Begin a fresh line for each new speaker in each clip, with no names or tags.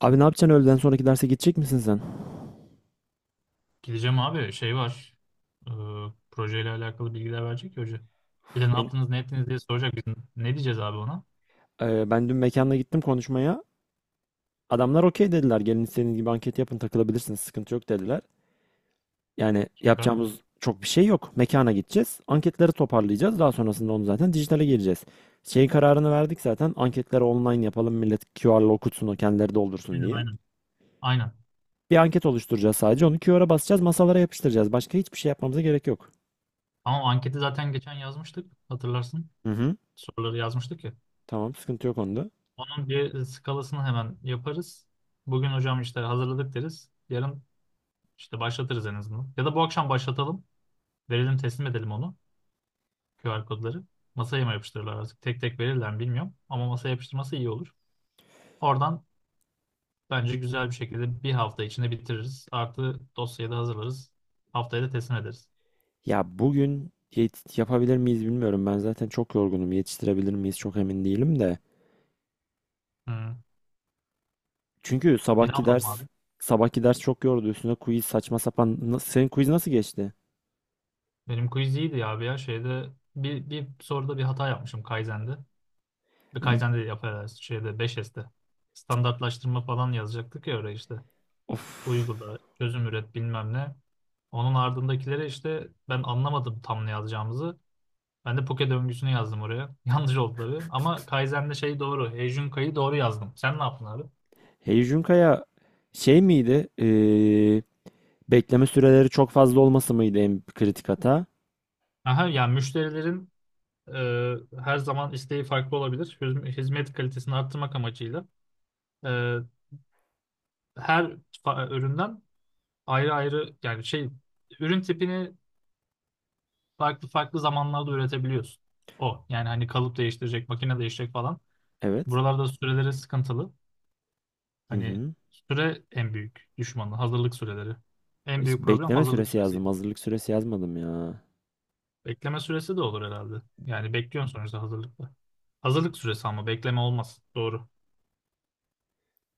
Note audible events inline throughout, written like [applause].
Abi ne yapacaksın, öğleden sonraki derse gidecek misin sen?
Gideceğim abi şey var. Ee, projeyle alakalı bilgiler verecek ya hoca. Bir de
Uf,
ne
ben,
yaptınız ne ettiniz diye soracak. Biz ne diyeceğiz abi ona?
ben dün mekanda gittim konuşmaya. Adamlar okey dediler. Gelin istediğiniz gibi anket yapın, takılabilirsiniz. Sıkıntı yok dediler. Yani
Süper.
yapacağımız çok bir şey yok. Mekana gideceğiz. Anketleri toparlayacağız. Daha sonrasında onu zaten dijitale gireceğiz. Şeyin kararını verdik zaten. Anketleri online yapalım. Millet QR'la okutsun, o kendileri doldursun
Aynen
diye.
aynen. Aynen.
Bir anket oluşturacağız sadece. Onu QR'a basacağız. Masalara yapıştıracağız. Başka hiçbir şey yapmamıza gerek yok.
Ama o anketi zaten geçen yazmıştık. Hatırlarsın.
Hı hı.
Soruları yazmıştık ya.
Tamam, sıkıntı yok onda.
Onun bir skalasını hemen yaparız. Bugün hocam işte hazırladık deriz. Yarın işte başlatırız en azından. Ya da bu akşam başlatalım. Verelim teslim edelim onu. QR kodları. Masaya mı yapıştırırlar artık? Tek tek verirler mi bilmiyorum. Ama masaya yapıştırması iyi olur. Oradan Bence güzel bir şekilde bir hafta içinde bitiririz. Artı dosyayı da hazırlarız. Haftaya da teslim ederiz.
Ya bugün yapabilir miyiz bilmiyorum. Ben zaten çok yorgunum. Yetiştirebilir miyiz çok emin değilim de.
Hı.
Çünkü
E ne yapalım abi?
sabahki ders çok yordu. Üstüne quiz saçma sapan. Senin quiz nasıl geçti?
Benim quiz iyiydi ya abi ya. Şeyde bir soruda bir hata yapmışım Kaizen'de. Bir
N-
Kaizen'de yaparız. Şeyde 5S'te. Standartlaştırma falan yazacaktık ya oraya işte.
Of.
Uygula, çözüm üret bilmem ne. Onun ardındakilere işte ben anlamadım tam ne yazacağımızı. Ben de Poke döngüsünü yazdım oraya. [laughs] Yanlış oldu tabii. Ama Kaizen'de şey doğru. Heijun Kai'yi doğru yazdım. Sen ne yaptın abi?
Hey Kaya, şey miydi? Bekleme süreleri çok fazla olması mıydı en kritik hata?
Aha, yani müşterilerin e, her zaman isteği farklı olabilir. Hizmet kalitesini arttırmak amacıyla e, her üründen ayrı ayrı yani şey ürün tipini farklı farklı zamanlarda üretebiliyorsun. O yani hani kalıp değiştirecek, makine değiştirecek falan.
Evet.
Buralarda süreleri sıkıntılı.
Hı
Hani
hı.
süre en büyük düşmanı, hazırlık süreleri. En büyük
İşte
problem
bekleme
hazırlık
süresi yazdım.
süresiydi.
Hazırlık süresi yazmadım ya.
Bekleme süresi de olur herhalde. Yani bekliyorsun sonuçta hazırlıkta. Hazırlık süresi ama bekleme olmaz. Doğru.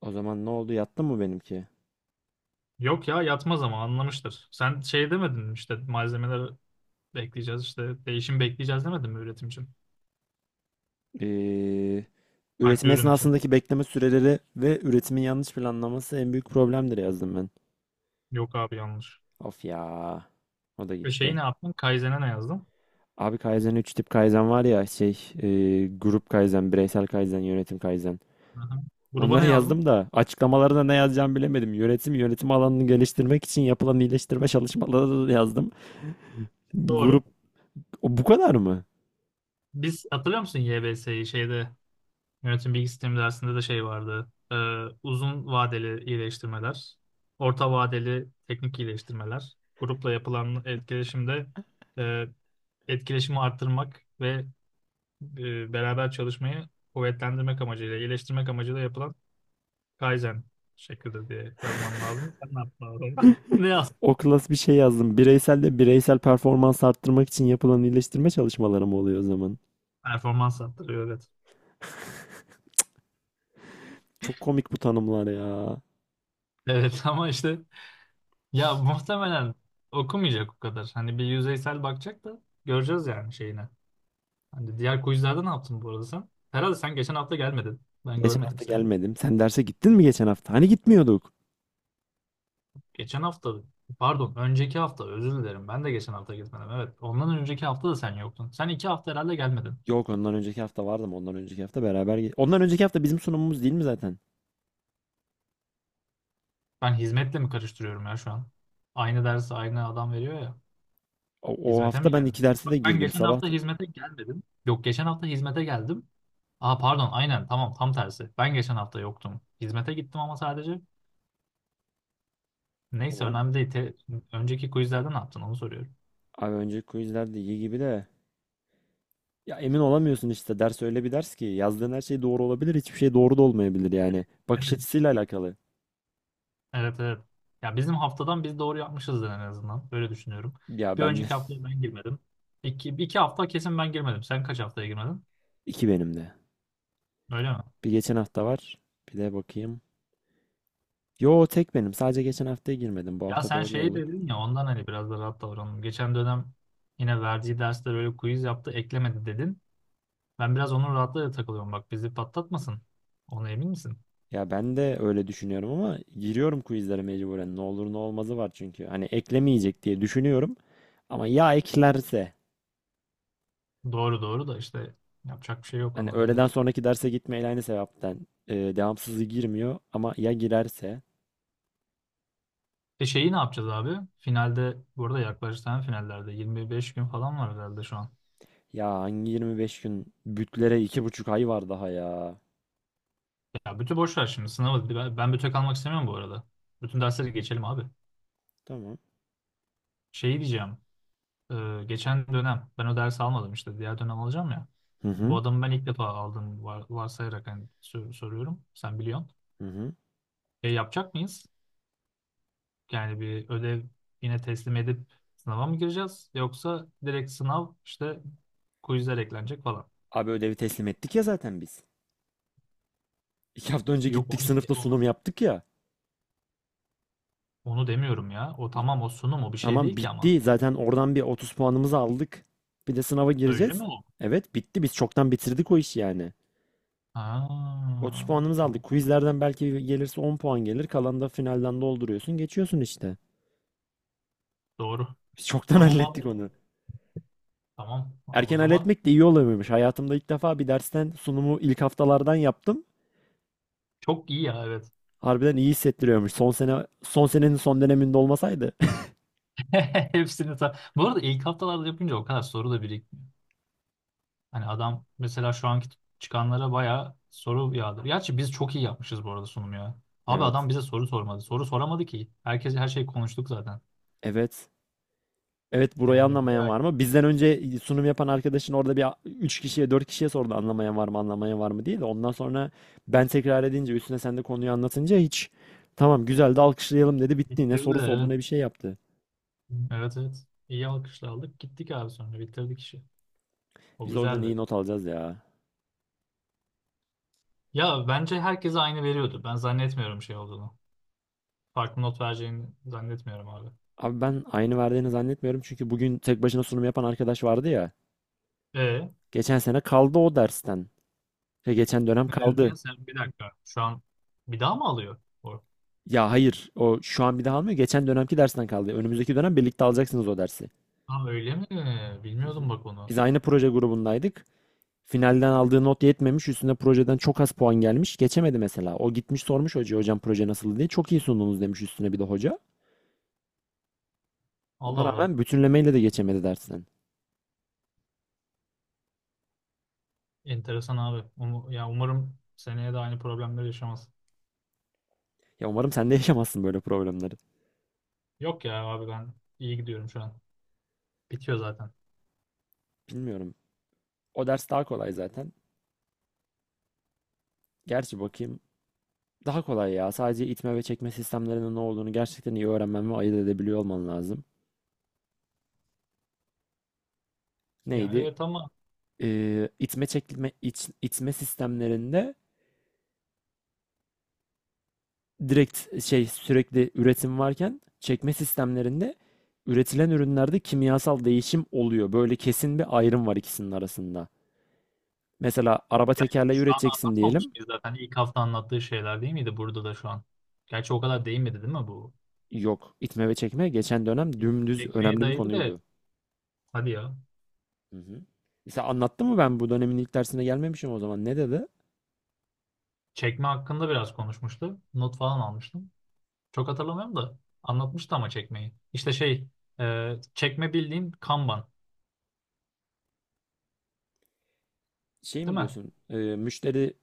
O zaman ne oldu? Yattı mı benimki?
Yok ya yatmaz ama anlamıştır. Sen şey demedin mi işte malzemeler bekleyeceğiz işte değişim bekleyeceğiz demedin mi üretim için?
Ee,
Farklı
üretim
ürün için.
esnasındaki bekleme süreleri ve üretimin yanlış planlaması en büyük problemdir yazdım ben.
Yok abi yanlış.
Of ya. O da
Ve şeyi
gitti.
ne yaptın? Kaizen'e ne yazdın?
Abi Kaizen, 3 tip Kaizen var ya, şey, e, grup Kaizen, bireysel Kaizen, yönetim Kaizen.
Hı-hı. Gruba ne
Onları yazdım
yazdın?
da açıklamalarına ne yazacağımı bilemedim. Yönetim alanını geliştirmek için yapılan iyileştirme çalışmaları da yazdım.
Doğru.
Grup o bu kadar mı?
Biz hatırlıyor musun YBS'yi şeyde yönetim bilgi sistemi dersinde de şey vardı. Uzun vadeli iyileştirmeler, orta vadeli teknik iyileştirmeler, grupla yapılan etkileşimde e, etkileşimi arttırmak ve beraber çalışmayı kuvvetlendirmek amacıyla, iyileştirmek amacıyla yapılan Kaizen şeklidir diye yazman lazım. Sen ne yaptın orada? [laughs] Ne yazdın?
O klas bir şey yazdım. Bireysel de bireysel performans arttırmak için yapılan iyileştirme çalışmaları mı oluyor o zaman?
Performans arttırıyor evet.
Çok komik bu tanımlar ya.
Evet [laughs] ama işte ya muhtemelen okumayacak o kadar. Hani bir yüzeysel bakacak da göreceğiz yani şeyine. Hani diğer quizlerde ne yaptın bu arada sen? Herhalde sen geçen hafta gelmedin. Ben
Geçen
görmedim
hafta
seni.
gelmedim. Sen derse gittin mi geçen hafta? Hani gitmiyorduk.
Geçen hafta Pardon, önceki hafta özür dilerim. Ben de geçen hafta gitmedim. Evet. Ondan önceki hafta da sen yoktun. Sen iki hafta herhalde gelmedin.
Yok, ondan önceki hafta vardım. Ondan önceki hafta beraber ondan önceki hafta bizim sunumumuz değil mi zaten?
Ben hizmetle mi karıştırıyorum ya şu an? Aynı dersi aynı adam veriyor ya.
O
Hizmete
hafta
mi
ben
gelmedi?
iki derse de
Bak ben
girdim.
geçen
Sabah
hafta
da-
hizmete gelmedim. Yok geçen hafta hizmete geldim. Aa pardon aynen tamam tam tersi. Ben geçen hafta yoktum. Hizmete gittim ama sadece. Neyse
Tamam.
önemli değil. Önceki quizlerde ne yaptın onu soruyorum.
Abi önceki quizler de iyi gibi de. Ya emin olamıyorsun işte. Ders öyle bir ders ki, yazdığın her şey doğru olabilir, hiçbir şey doğru da olmayabilir yani. Bakış
Evet.
açısıyla alakalı.
Evet evet. Ya bizim haftadan biz doğru yapmışızdır en azından. Öyle düşünüyorum.
Ya
Bir
ben de.
önceki haftaya ben girmedim. İki hafta kesin ben girmedim. Sen kaç haftaya girmedin?
[laughs] iki benim de.
Öyle mi?
Bir geçen hafta var. Bir de bakayım. Yo, tek benim. Sadece geçen haftaya girmedim. Bu
Ya
hafta
sen
doğru
şeyi
olduk.
dedin ya ondan hani biraz da rahat davranalım. Geçen dönem yine verdiği dersler böyle quiz yaptı eklemedi dedin. Ben biraz onun rahatlığıyla takılıyorum. Bak bizi patlatmasın. Ona emin misin?
Ya ben de öyle düşünüyorum ama giriyorum quizlere mecburen. Ne olur ne olmazı var çünkü. Hani eklemeyecek diye düşünüyorum ama ya eklerse,
Doğru doğru da işte yapacak bir şey yok
hani
ona da
öğleden
evet.
sonraki derse gitmeyle aynı sebepten, devamsızı girmiyor ama ya girerse,
E şeyi ne yapacağız abi? Finalde bu arada yaklaşık tane finallerde 25 gün falan var herhalde şu an.
ya hangi 25 gün, bütlere iki buçuk ay var daha ya.
Ya bütün boş ver şimdi sınavı. Ben bütün kalmak istemiyorum bu arada. Bütün dersleri geçelim abi.
Tamam.
Şeyi diyeceğim. Geçen dönem ben o dersi almadım işte diğer dönem alacağım ya.
Hı
Bu
hı.
adamı ben ilk defa aldım varsayarak hani soruyorum. Sen biliyorsun.
Hı hı.
E, yapacak mıyız? Yani bir ödev yine teslim edip sınava mı gireceğiz? Yoksa direkt sınav işte quizler eklenecek falan.
Abi ödevi teslim ettik ya zaten biz. İki hafta önce
Yok
gittik sınıfta sunum yaptık ya.
onu demiyorum ya. O tamam o sunum o bir şey
Tamam,
değil ki ama.
bitti. Zaten oradan bir 30 puanımızı aldık. Bir de sınava
Öyle
gireceğiz.
mi o?
Evet, bitti. Biz çoktan bitirdik o işi yani.
Ha,
30 puanımızı aldık.
tamam.
Quizlerden belki gelirse 10 puan gelir. Kalanı da finalden dolduruyorsun. Geçiyorsun işte.
Doğru.
Biz çoktan [laughs]
Tamam
hallettik
abi.
onu.
Tamam. Aa, o
Erken
zaman
halletmek de iyi oluyormuş. Hayatımda ilk defa bir dersten sunumu ilk haftalardan yaptım.
çok iyi ya evet.
Harbiden iyi hissettiriyormuş. Son sene, son senenin son döneminde olmasaydı. [laughs]
[laughs] Bu arada ilk haftalarda yapınca o kadar soru da hani adam mesela şu anki çıkanlara bayağı soru yağdır. Gerçi biz çok iyi yapmışız bu arada sunum ya. Abi
Evet.
adam bize soru sormadı. Soru soramadı ki. Herkes her şeyi konuştuk zaten.
Evet. Evet, burayı
Yani
anlamayan
bayağı
var mı? Bizden önce sunum yapan arkadaşın orada bir 3 kişiye 4 kişiye sordu anlamayan var mı anlamayan var mı diye de ondan sonra ben tekrar edince, üstüne sen de konuyu anlatınca, hiç, tamam güzel, de alkışlayalım dedi, bitti, ne
bitirdi
soru sordu
evet.
ne bir şey yaptı.
Evet evet. İyi alkışlar aldık. Gittik abi sonra bitirdik işi. O
Biz oradan iyi
güzeldi.
not alacağız ya.
Ya bence herkese aynı veriyordu. Ben zannetmiyorum şey olduğunu. Farklı not vereceğini zannetmiyorum abi.
Abi ben aynı verdiğini zannetmiyorum çünkü bugün tek başına sunum yapan arkadaş vardı ya.
E
Geçen sene kaldı o dersten. Şey, geçen dönem
ne diyorsun
kaldı.
ya sen bir dakika. Şu an bir daha mı alıyor? O.
Ya hayır, o şu an bir daha almıyor, geçen dönemki dersten kaldı. Önümüzdeki dönem birlikte alacaksınız o dersi.
Ha öyle mi?
Hı hı.
Bilmiyordum bak onu.
Biz aynı proje grubundaydık. Finalden aldığı not yetmemiş. Üstüne projeden çok az puan gelmiş. Geçemedi mesela. O gitmiş sormuş hocaya, hocam proje nasıl diye. Çok iyi sundunuz demiş üstüne bir de hoca. Ona
Allah Allah.
rağmen bütünlemeyle de geçemedi dersten.
Enteresan abi. Ya umarım seneye de aynı problemleri yaşamaz.
Ya umarım sen de [laughs] yaşamazsın böyle problemleri.
Yok ya abi ben iyi gidiyorum şu an. Bitiyor zaten.
Bilmiyorum. O ders daha kolay zaten. Gerçi bakayım. Daha kolay ya. Sadece itme ve çekme sistemlerinin ne olduğunu gerçekten iyi öğrenmen ve ayırt edebiliyor olman lazım.
Ya
Neydi?
evet ama
İtme çekme itme sistemlerinde direkt şey, sürekli üretim varken, çekme sistemlerinde üretilen ürünlerde kimyasal değişim oluyor. Böyle kesin bir ayrım var ikisinin arasında. Mesela araba
yani
tekerleği
şu an
üreteceksin
anlatmamış
diyelim.
mıyız zaten? İlk hafta anlattığı şeyler değil miydi burada da şu an? Gerçi o kadar değinmedi değil mi bu?
Yok, itme ve çekme geçen dönem dümdüz
Çekmeye
önemli bir
değdi de
konuydu.
hadi ya.
Hı hı. Mesela anlattım mı ben? Bu dönemin ilk dersine gelmemişim o zaman. Ne dedi?
Çekme hakkında biraz konuşmuştu. Not falan almıştım. Çok hatırlamıyorum da anlatmıştı ama çekmeyi. İşte şey çekme bildiğin Kanban
Şey
değil
mi
mi?
diyorsun? Müşteri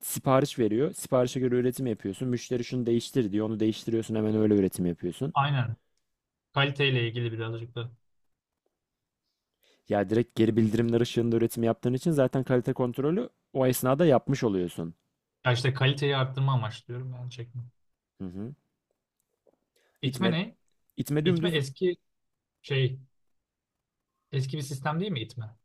sipariş veriyor. Siparişe göre üretim yapıyorsun. Müşteri şunu değiştir diyor. Onu değiştiriyorsun, hemen öyle üretim yapıyorsun.
Aynen. Kaliteyle ilgili birazcık da.
Ya direkt geri bildirimler ışığında üretim yaptığın için zaten kalite kontrolü o esnada yapmış oluyorsun.
Ya işte kaliteyi arttırma amaçlıyorum yani çekme.
Hı hı.
İtme
İtme,
ne?
itme
İtme
dümdüz,
eski şey, eski bir sistem değil mi itme?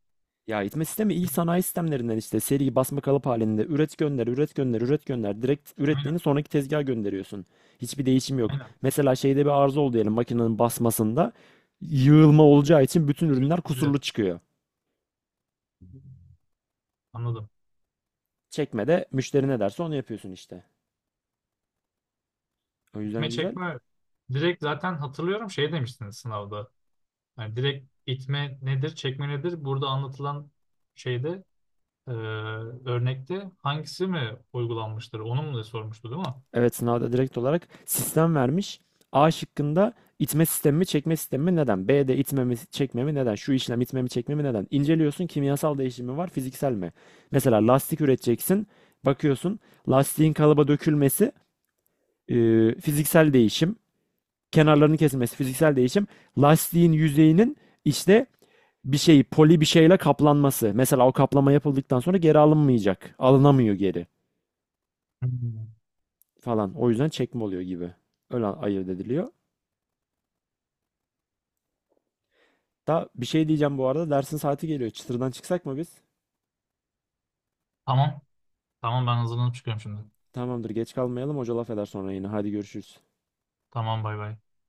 ya itme sistemi ilk
İt-
sanayi sistemlerinden, işte seri basma kalıp halinde üret gönder üret gönder üret gönder, direkt ürettiğini
Aynen,
sonraki tezgaha gönderiyorsun. Hiçbir değişim yok.
aynen.
Mesela şeyde bir arıza oldu diyelim, makinenin basmasında yığılma
İt-
olacağı için bütün
Evet,
ürünler
evet.
kusurlu çıkıyor.
Anladım.
Çekmede müşteri ne derse onu yapıyorsun işte. O yüzden
İtme
güzel.
çekme direkt zaten hatırlıyorum şey demiştiniz sınavda. Yani direkt itme nedir, çekme nedir? Burada anlatılan şeyde e, örnekte hangisi mi uygulanmıştır? Onu mu da sormuştu değil mi?
Evet, sınavda direkt olarak sistem vermiş. A şıkkında itme sistemi mi çekme sistemi mi neden? B'de itme mi çekme mi neden? Şu işlem itme mi çekme mi neden? İnceliyorsun, kimyasal değişimi var, fiziksel mi? Mesela lastik üreteceksin. Bakıyorsun lastiğin kalıba dökülmesi, e, fiziksel değişim. Kenarlarının kesilmesi fiziksel değişim. Lastiğin yüzeyinin işte bir şey, poli bir şeyle kaplanması. Mesela o kaplama yapıldıktan sonra geri alınmayacak. Alınamıyor geri
Hmm.
falan. O yüzden çekme oluyor gibi. Öyle ayırt ediliyor. Da bir şey diyeceğim bu arada. Dersin saati geliyor. Çıtırdan çıksak mı biz?
Tamam. Tamam ben hazırlanıp çıkıyorum şimdi.
Tamamdır, geç kalmayalım. Hoca laf eder sonra yine. Hadi görüşürüz.
Tamam bay bay.